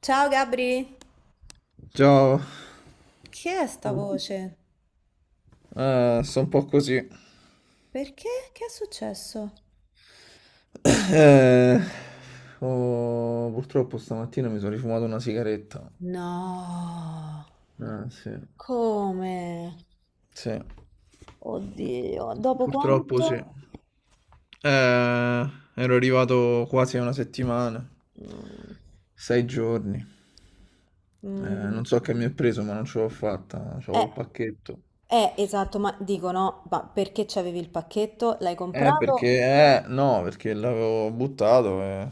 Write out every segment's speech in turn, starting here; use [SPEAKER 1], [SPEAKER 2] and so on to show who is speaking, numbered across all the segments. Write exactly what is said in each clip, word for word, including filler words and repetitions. [SPEAKER 1] Ciao Gabri,
[SPEAKER 2] Ciao,
[SPEAKER 1] chi è sta voce?
[SPEAKER 2] eh, sto un po' così.
[SPEAKER 1] Perché? Che è successo?
[SPEAKER 2] Eh, oh, Purtroppo stamattina mi sono rifumato una sigaretta.
[SPEAKER 1] No,
[SPEAKER 2] Eh, sì,
[SPEAKER 1] come?
[SPEAKER 2] sì,
[SPEAKER 1] Oddio, dopo
[SPEAKER 2] Purtroppo sì. Eh,
[SPEAKER 1] quanto?
[SPEAKER 2] ero arrivato quasi a una settimana,
[SPEAKER 1] Mm,
[SPEAKER 2] sei giorni. Eh,
[SPEAKER 1] mm,
[SPEAKER 2] non so che mi è preso, ma non ce l'ho fatta, c'avevo
[SPEAKER 1] eh,
[SPEAKER 2] il pacchetto.
[SPEAKER 1] eh, esatto, ma dico no, ma perché c'avevi il pacchetto? L'hai
[SPEAKER 2] Eh,
[SPEAKER 1] comprato?
[SPEAKER 2] perché, eh, no, perché l'avevo buttato e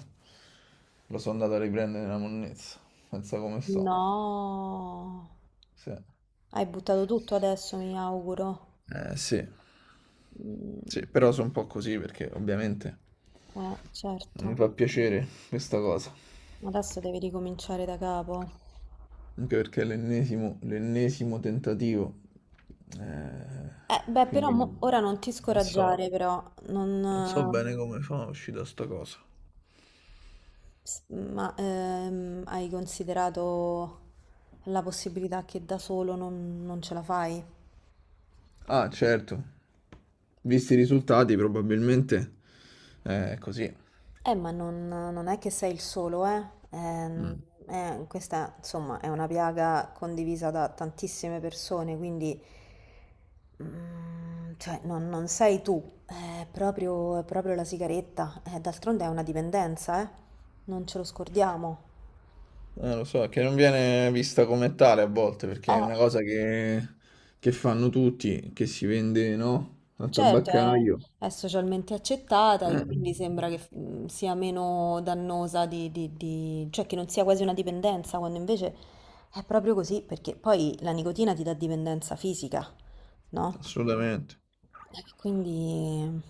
[SPEAKER 2] lo sono andato a riprendere nella monnezza. Pensa come sto.
[SPEAKER 1] No,
[SPEAKER 2] Sì.
[SPEAKER 1] hai buttato tutto adesso, mi auguro.
[SPEAKER 2] Eh, sì.
[SPEAKER 1] Mm,
[SPEAKER 2] Sì, però sono un po' così perché ovviamente
[SPEAKER 1] eh,
[SPEAKER 2] non mi
[SPEAKER 1] certo,
[SPEAKER 2] fa piacere questa cosa.
[SPEAKER 1] adesso devi ricominciare da capo.
[SPEAKER 2] Anche perché è l'ennesimo l'ennesimo tentativo. Eh,
[SPEAKER 1] Eh, beh, però mo-
[SPEAKER 2] quindi
[SPEAKER 1] ora non ti
[SPEAKER 2] non so,
[SPEAKER 1] scoraggiare, però,
[SPEAKER 2] non so
[SPEAKER 1] non, eh,
[SPEAKER 2] bene come fa a uscire da sta cosa.
[SPEAKER 1] s- ma ehm, hai considerato la possibilità che da solo non, non ce la fai?
[SPEAKER 2] Ah, certo. Visti i risultati, probabilmente. Eh, è così.
[SPEAKER 1] Eh, ma non, non è che sei il solo, eh? Ehm,
[SPEAKER 2] Mm.
[SPEAKER 1] eh, questa, insomma, è una piaga condivisa da tantissime persone, quindi, mm, cioè, non, non sei tu, è proprio, è proprio la sigaretta. Eh, d'altronde è una dipendenza, eh? Non ce lo scordiamo.
[SPEAKER 2] Eh, lo so, che non viene vista come tale a volte, perché è
[SPEAKER 1] Eh.
[SPEAKER 2] una cosa che, che fanno tutti, che si vende, no? Al
[SPEAKER 1] Certo,
[SPEAKER 2] tabaccaio.
[SPEAKER 1] è, è socialmente accettata e
[SPEAKER 2] Eh,
[SPEAKER 1] quindi sembra che mm, sia meno dannosa di, di- di- cioè che non sia quasi una dipendenza, quando invece è proprio così, perché poi la nicotina ti dà dipendenza fisica, no?
[SPEAKER 2] Assolutamente.
[SPEAKER 1] Eh, Quindi,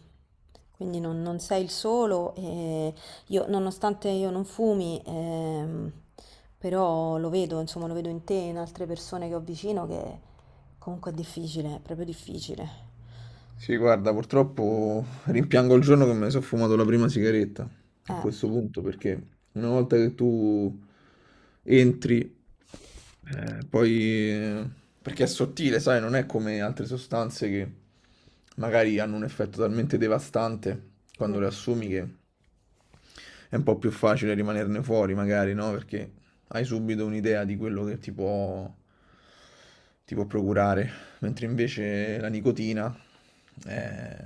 [SPEAKER 1] quindi non, non sei il solo e io, nonostante io non fumi, ehm, però lo vedo, insomma, lo vedo in te e in altre persone che ho vicino che comunque è difficile, è proprio difficile.
[SPEAKER 2] Sì, guarda, purtroppo rimpiango il giorno che mi sono fumato la prima sigaretta a questo punto, perché una volta che tu entri, eh, poi... eh, perché è sottile, sai, non è come altre sostanze che magari hanno un effetto talmente devastante
[SPEAKER 1] Eh.
[SPEAKER 2] quando le assumi che è un po' più facile rimanerne fuori, magari, no? Perché hai subito un'idea di quello che ti può, ti può procurare, mentre invece la nicotina eh,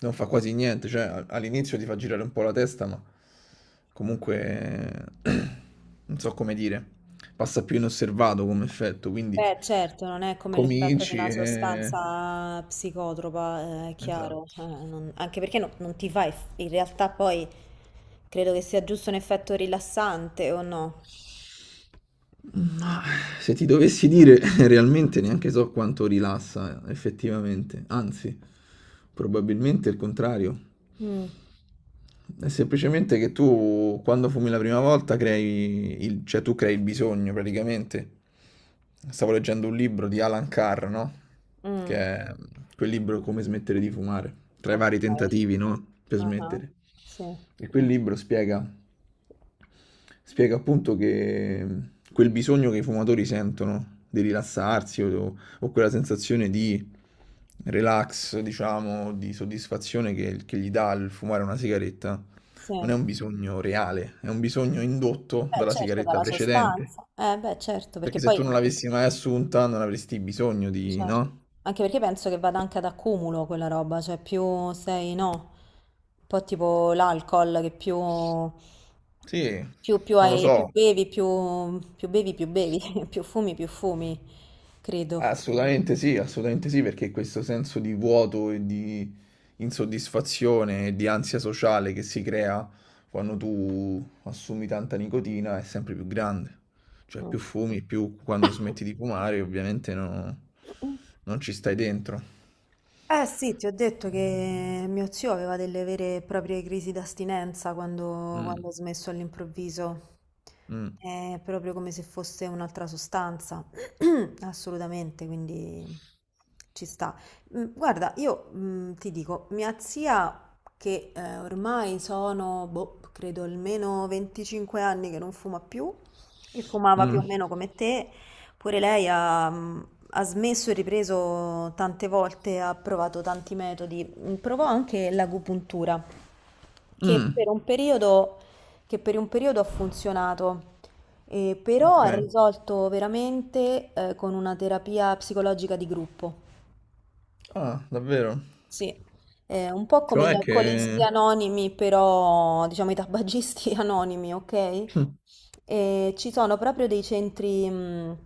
[SPEAKER 2] non fa quasi niente, cioè a- all'inizio ti fa girare un po' la testa, ma comunque non so come dire, passa più inosservato come effetto, quindi
[SPEAKER 1] Beh, certo, non è come l'effetto di
[SPEAKER 2] cominci
[SPEAKER 1] una
[SPEAKER 2] e...
[SPEAKER 1] sostanza psicotropa, eh, è chiaro,
[SPEAKER 2] Esatto.
[SPEAKER 1] eh, non- anche perché no- non ti fa, eff- in realtà poi credo che sia giusto un effetto rilassante o no?
[SPEAKER 2] Ma se ti dovessi dire, realmente neanche so quanto rilassa effettivamente, anzi, probabilmente il contrario.
[SPEAKER 1] Mm,
[SPEAKER 2] È semplicemente che tu, quando fumi la prima volta, crei il, cioè tu crei il bisogno praticamente. Stavo leggendo un libro di Alan Carr, no? Che
[SPEAKER 1] mm,
[SPEAKER 2] è quel libro Come smettere di fumare, tra i
[SPEAKER 1] ok,
[SPEAKER 2] vari tentativi, no? Per
[SPEAKER 1] ah,
[SPEAKER 2] smettere.
[SPEAKER 1] Sì,
[SPEAKER 2] E quel libro spiega. Spiega appunto che mm, quel bisogno che i fumatori sentono di rilassarsi o, o quella sensazione di relax, diciamo, di soddisfazione che, che gli dà il fumare una sigaretta,
[SPEAKER 1] sì.
[SPEAKER 2] non è un bisogno reale, è un bisogno indotto
[SPEAKER 1] Beh,
[SPEAKER 2] dalla
[SPEAKER 1] certo,
[SPEAKER 2] sigaretta
[SPEAKER 1] dalla
[SPEAKER 2] precedente.
[SPEAKER 1] sostanza. Eh, beh, certo, perché
[SPEAKER 2] Perché se
[SPEAKER 1] poi
[SPEAKER 2] tu non l'avessi mai assunta, non avresti bisogno di,
[SPEAKER 1] Certo.
[SPEAKER 2] no?
[SPEAKER 1] Anche perché penso che vada anche ad accumulo quella roba, cioè più sei, no, un po' tipo l'alcol che più,
[SPEAKER 2] Sì,
[SPEAKER 1] più, più
[SPEAKER 2] non lo
[SPEAKER 1] hai, più
[SPEAKER 2] so.
[SPEAKER 1] bevi, più, più bevi, più bevi, più fumi, più fumi, credo.
[SPEAKER 2] Assolutamente sì, assolutamente sì, perché questo senso di vuoto e di insoddisfazione e di ansia sociale che si crea quando tu assumi tanta nicotina è sempre più grande. Cioè più
[SPEAKER 1] Mm.
[SPEAKER 2] fumi, più quando smetti di fumare ovviamente no- non ci stai dentro.
[SPEAKER 1] Eh sì, ti ho detto che mio zio aveva delle vere e proprie crisi d'astinenza quando,
[SPEAKER 2] Mm,
[SPEAKER 1] quando ha smesso all'improvviso.
[SPEAKER 2] mm,
[SPEAKER 1] È proprio come se fosse un'altra sostanza. Assolutamente, quindi ci sta. Mm, Guarda, io mm, ti dico, mia zia, che eh, ormai sono, boh, credo almeno venticinque anni che non fuma più, e fumava più
[SPEAKER 2] mm,
[SPEAKER 1] o meno come te, pure lei ha, mm, ha smesso e ripreso tante volte, ha provato tanti metodi. Mm, Provò anche l'agopuntura, che per
[SPEAKER 2] mm,
[SPEAKER 1] un periodo, che per un periodo ha funzionato, eh, però ha
[SPEAKER 2] ok.
[SPEAKER 1] risolto veramente, eh, con una terapia psicologica di gruppo.
[SPEAKER 2] Ah, davvero?
[SPEAKER 1] Sì, è un po' come gli
[SPEAKER 2] Cioè
[SPEAKER 1] alcolisti
[SPEAKER 2] che...
[SPEAKER 1] anonimi, però diciamo i tabagisti anonimi, ok?
[SPEAKER 2] Mm,
[SPEAKER 1] E ci sono proprio dei centri, mh,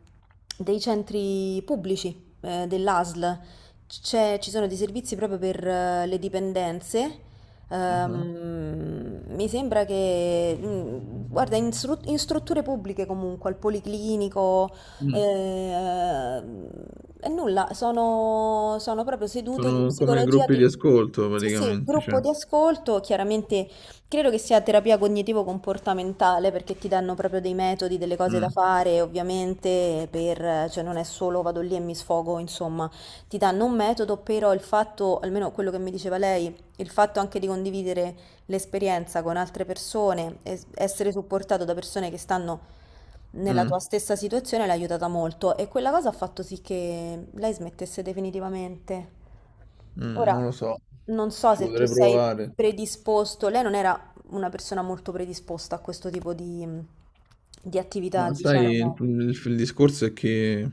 [SPEAKER 1] dei centri pubblici eh, dell'A S L. C'è- ci sono dei servizi proprio per eh, le dipendenze.
[SPEAKER 2] mhm,
[SPEAKER 1] Ehm, mi sembra che, mh, guarda, in, stru- in strutture pubbliche comunque, al policlinico,
[SPEAKER 2] mm.
[SPEAKER 1] eh, ehm, e nulla, sono, sono proprio sedute di
[SPEAKER 2] Sono come
[SPEAKER 1] psicologia
[SPEAKER 2] gruppi di
[SPEAKER 1] di...
[SPEAKER 2] ascolto
[SPEAKER 1] Sì, sì,
[SPEAKER 2] praticamente,
[SPEAKER 1] gruppo
[SPEAKER 2] cioè.
[SPEAKER 1] di ascolto, chiaramente credo che sia terapia cognitivo-comportamentale perché ti danno proprio dei metodi, delle cose da
[SPEAKER 2] Mm,
[SPEAKER 1] fare, ovviamente, per, cioè non è solo vado lì e mi sfogo, insomma, ti danno un metodo, però il fatto, almeno quello che mi diceva lei, il fatto anche di condividere l'esperienza con altre persone, es- essere supportato da persone che stanno nella
[SPEAKER 2] mm.
[SPEAKER 1] tua stessa situazione l'ha aiutata molto e quella cosa ha fatto sì che lei smettesse definitivamente.
[SPEAKER 2] Mm,
[SPEAKER 1] Ora,
[SPEAKER 2] non lo so,
[SPEAKER 1] non so
[SPEAKER 2] ci
[SPEAKER 1] se tu
[SPEAKER 2] potrei
[SPEAKER 1] sei
[SPEAKER 2] provare.
[SPEAKER 1] predisposto, lei non era una persona molto predisposta a questo tipo di, di attività,
[SPEAKER 2] Ma sai, il,
[SPEAKER 1] diciamo.
[SPEAKER 2] il- il discorso è che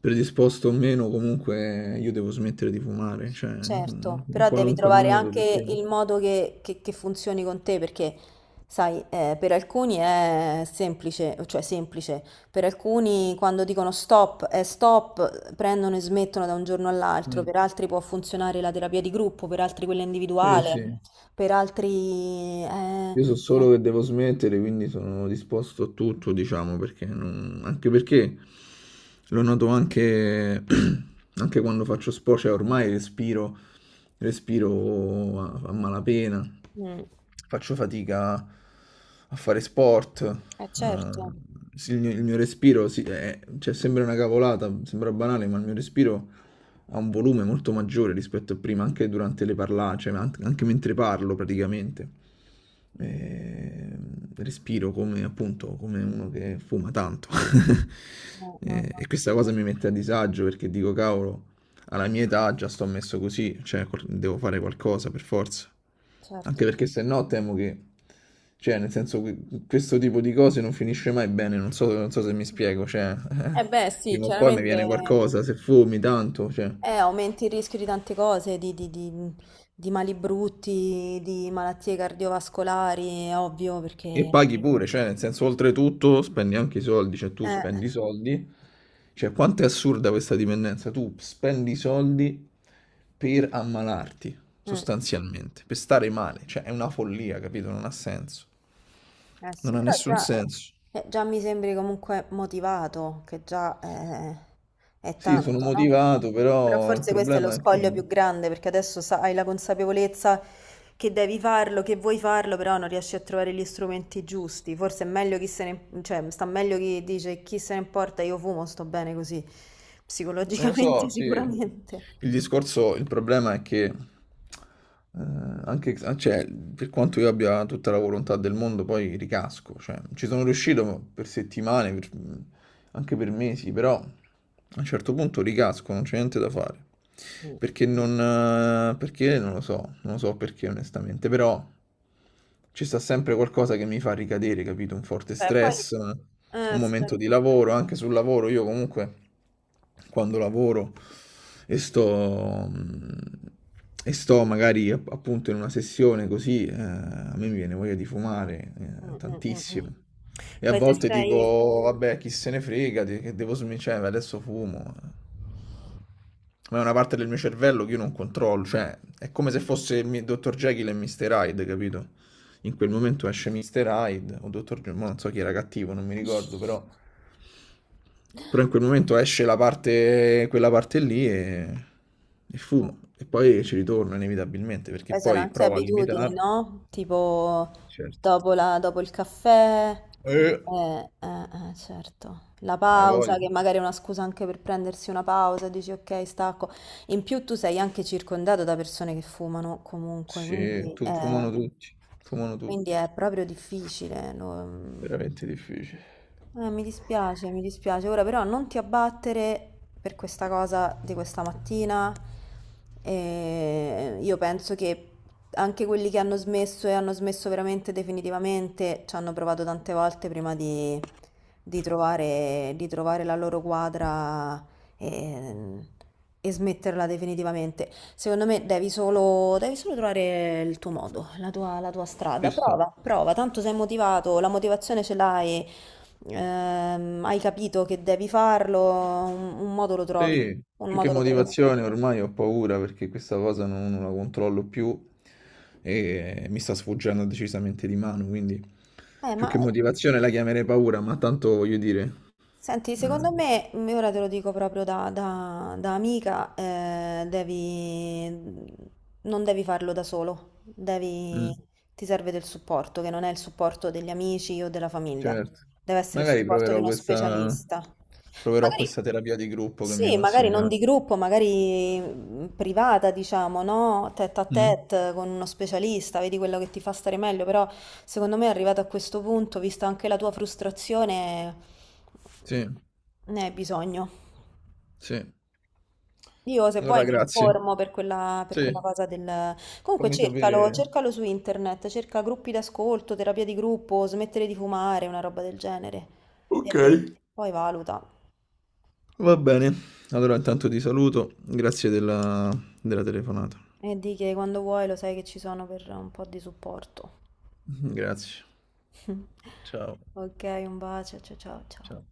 [SPEAKER 2] predisposto o meno, comunque io devo smettere di fumare, cioè in
[SPEAKER 1] Certo,
[SPEAKER 2] in
[SPEAKER 1] però devi
[SPEAKER 2] qualunque
[SPEAKER 1] trovare
[SPEAKER 2] modo,
[SPEAKER 1] anche
[SPEAKER 2] perché...
[SPEAKER 1] il modo che, che- che funzioni con te, perché sai, eh, per alcuni è semplice, cioè semplice, per alcuni quando dicono stop è stop, prendono e smettono da un giorno all'altro,
[SPEAKER 2] Mm,
[SPEAKER 1] per altri può funzionare la terapia di gruppo, per altri quella
[SPEAKER 2] sì, sì.
[SPEAKER 1] individuale, per altri... Eh,
[SPEAKER 2] Io so solo che devo smettere, quindi sono disposto a tutto, diciamo, perché non- anche perché lo noto anche, anche quando faccio sport, cioè ormai respiro, respiro a, a malapena,
[SPEAKER 1] mm,
[SPEAKER 2] faccio fatica a fare sport,
[SPEAKER 1] eh,
[SPEAKER 2] eh,
[SPEAKER 1] certo,
[SPEAKER 2] sì, il mio, il mio respiro, sì, è- cioè, sembra una cavolata, sembra banale, ma il mio respiro ha un volume molto maggiore rispetto a prima, anche durante le parlare, cioè an- anche mentre parlo praticamente. Eh, Respiro come appunto come uno che fuma tanto.
[SPEAKER 1] no, no,
[SPEAKER 2] Eh,
[SPEAKER 1] no,
[SPEAKER 2] e questa cosa mi mette a disagio perché dico, cavolo, alla mia età già sto messo così, cioè col- devo fare qualcosa per forza. Anche
[SPEAKER 1] certo.
[SPEAKER 2] perché se no temo che, cioè, nel senso, que- questo tipo di cose non finisce mai bene, non so, non so se mi spiego, cioè, eh,
[SPEAKER 1] Eh beh, sì,
[SPEAKER 2] prima o poi mi viene
[SPEAKER 1] chiaramente
[SPEAKER 2] qualcosa, se fumi tanto, cioè.
[SPEAKER 1] Eh, aumenti il rischio di tante cose, di, di- di- di mali brutti, di malattie cardiovascolari, è ovvio,
[SPEAKER 2] E
[SPEAKER 1] perché...
[SPEAKER 2] paghi pure, cioè, nel senso, oltretutto spendi anche i soldi, cioè tu
[SPEAKER 1] Eh,
[SPEAKER 2] spendi i soldi. Cioè, quanto è assurda questa dipendenza? Tu spendi soldi per ammalarti,
[SPEAKER 1] mm.
[SPEAKER 2] sostanzialmente, per stare male. Cioè, è una follia, capito? Non ha senso.
[SPEAKER 1] Eh
[SPEAKER 2] Non
[SPEAKER 1] sì,
[SPEAKER 2] ha
[SPEAKER 1] però
[SPEAKER 2] nessun
[SPEAKER 1] già,
[SPEAKER 2] senso.
[SPEAKER 1] eh, già mi sembri comunque motivato, che già eh, è
[SPEAKER 2] Sì, sono
[SPEAKER 1] tanto, no?
[SPEAKER 2] motivato,
[SPEAKER 1] Però
[SPEAKER 2] però il
[SPEAKER 1] forse questo è lo
[SPEAKER 2] problema è che...
[SPEAKER 1] scoglio più grande, perché adesso sa- hai la consapevolezza che devi farlo, che vuoi farlo, però non riesci a trovare gli strumenti giusti. Forse è meglio chi se ne, cioè, sta meglio chi dice chi se ne importa, io fumo, sto bene così,
[SPEAKER 2] Non lo so,
[SPEAKER 1] psicologicamente
[SPEAKER 2] sì.
[SPEAKER 1] sicuramente.
[SPEAKER 2] Il discorso, il problema è che, eh, anche, cioè, per quanto io abbia tutta la volontà del mondo, poi ricasco. Cioè, ci sono riuscito per settimane, per- anche per mesi, però a un certo punto ricasco, non c'è niente da fare. Perché non, eh, perché non lo so, non lo so perché onestamente, però ci sta sempre qualcosa che mi fa ricadere, capito? Un forte
[SPEAKER 1] Beh, poi...
[SPEAKER 2] stress, un
[SPEAKER 1] Eh,
[SPEAKER 2] momento di
[SPEAKER 1] certo.
[SPEAKER 2] lavoro, anche sul lavoro. Io comunque quando lavoro e sto, e sto magari app- appunto in una sessione così, eh, a me mi viene voglia di fumare, eh,
[SPEAKER 1] Mm, mm, mm, mm.
[SPEAKER 2] tantissimo. E a
[SPEAKER 1] Poi se
[SPEAKER 2] volte
[SPEAKER 1] sei...
[SPEAKER 2] dico, vabbè, chi se ne frega, de- che devo smettere, adesso fumo, ma è una parte del mio cervello che io non controllo, cioè è come se fosse il mi- dottor Jekyll e mister Hyde, capito? In quel momento esce mister Hyde o dottor Jekyll, ma non so chi era cattivo, non mi ricordo, però però in quel momento esce la parte, quella parte lì e, e
[SPEAKER 1] mm.
[SPEAKER 2] fumo e poi ci ritorno inevitabilmente perché
[SPEAKER 1] Poi sono
[SPEAKER 2] poi
[SPEAKER 1] anche
[SPEAKER 2] provo a
[SPEAKER 1] abitudini,
[SPEAKER 2] limitarlo.
[SPEAKER 1] no? Tipo
[SPEAKER 2] Certo.
[SPEAKER 1] dopo, la- dopo il caffè,
[SPEAKER 2] Eh,
[SPEAKER 1] eh, eh, eh, certo, la
[SPEAKER 2] hai
[SPEAKER 1] pausa,
[SPEAKER 2] voglia?
[SPEAKER 1] che magari è una scusa anche per prendersi una pausa, dici ok, stacco. In più tu sei anche circondato da persone che fumano comunque,
[SPEAKER 2] Sì,
[SPEAKER 1] quindi
[SPEAKER 2] tu,
[SPEAKER 1] è,
[SPEAKER 2] fumano tutti, fumano
[SPEAKER 1] quindi
[SPEAKER 2] tutti,
[SPEAKER 1] è proprio difficile. lo-
[SPEAKER 2] veramente difficile.
[SPEAKER 1] eh, mi dispiace, mi dispiace. Ora però non ti abbattere per questa cosa di questa mattina. Eh, io penso che anche quelli che hanno smesso e hanno smesso veramente definitivamente ci hanno provato tante volte prima di, di trovare, di trovare la loro quadra e, e smetterla definitivamente. Secondo me devi solo, devi solo trovare il tuo modo, la tua, la tua
[SPEAKER 2] Ci
[SPEAKER 1] strada.
[SPEAKER 2] sta.
[SPEAKER 1] Prova, prova, tanto sei motivato, la motivazione ce l'hai, ehm, hai capito che devi farlo, un, un modo lo trovi,
[SPEAKER 2] Sì,
[SPEAKER 1] un
[SPEAKER 2] più che
[SPEAKER 1] modo lo troverai.
[SPEAKER 2] motivazione ormai ho paura perché questa cosa non, non la controllo più e mi sta sfuggendo decisamente di mano, quindi
[SPEAKER 1] Eh,
[SPEAKER 2] più
[SPEAKER 1] ma
[SPEAKER 2] che motivazione la chiamerei paura, ma tanto voglio dire,
[SPEAKER 1] Senti,
[SPEAKER 2] eh,
[SPEAKER 1] secondo me, m- ora te lo dico proprio da, da- da amica, eh, devi, mm, non devi farlo da solo, devi,
[SPEAKER 2] mm,
[SPEAKER 1] ti serve del supporto, che non è il supporto degli amici o della famiglia,
[SPEAKER 2] certo,
[SPEAKER 1] deve essere il
[SPEAKER 2] magari
[SPEAKER 1] supporto di
[SPEAKER 2] proverò
[SPEAKER 1] uno
[SPEAKER 2] questa,
[SPEAKER 1] specialista.
[SPEAKER 2] proverò
[SPEAKER 1] Magari
[SPEAKER 2] questa terapia di gruppo che mi hai
[SPEAKER 1] sì, magari non di
[SPEAKER 2] consigliato.
[SPEAKER 1] gruppo, magari mm, privata, diciamo, no? Tête a
[SPEAKER 2] Mm,
[SPEAKER 1] tête con uno specialista, vedi quello che ti fa stare meglio, però secondo me arrivato a questo punto, vista anche la tua frustrazione,
[SPEAKER 2] sì,
[SPEAKER 1] mhmm, ne hai bisogno.
[SPEAKER 2] sì.
[SPEAKER 1] Io se vuoi
[SPEAKER 2] Allora
[SPEAKER 1] mi
[SPEAKER 2] grazie.
[SPEAKER 1] informo per quella, per quella
[SPEAKER 2] Sì,
[SPEAKER 1] cosa del... Comunque
[SPEAKER 2] fammi
[SPEAKER 1] cercalo,
[SPEAKER 2] sapere.
[SPEAKER 1] cercalo su internet, cerca gruppi d'ascolto, terapia di gruppo, smettere di fumare, una roba del genere.
[SPEAKER 2] Ok.
[SPEAKER 1] E vedi, poi valuta.
[SPEAKER 2] Va bene, allora intanto ti saluto, grazie della, della telefonata.
[SPEAKER 1] E di che quando vuoi lo sai che ci sono per un po' di supporto.
[SPEAKER 2] Grazie. Ciao.
[SPEAKER 1] Ok, un bacio, ciao ciao ciao.
[SPEAKER 2] Ciao.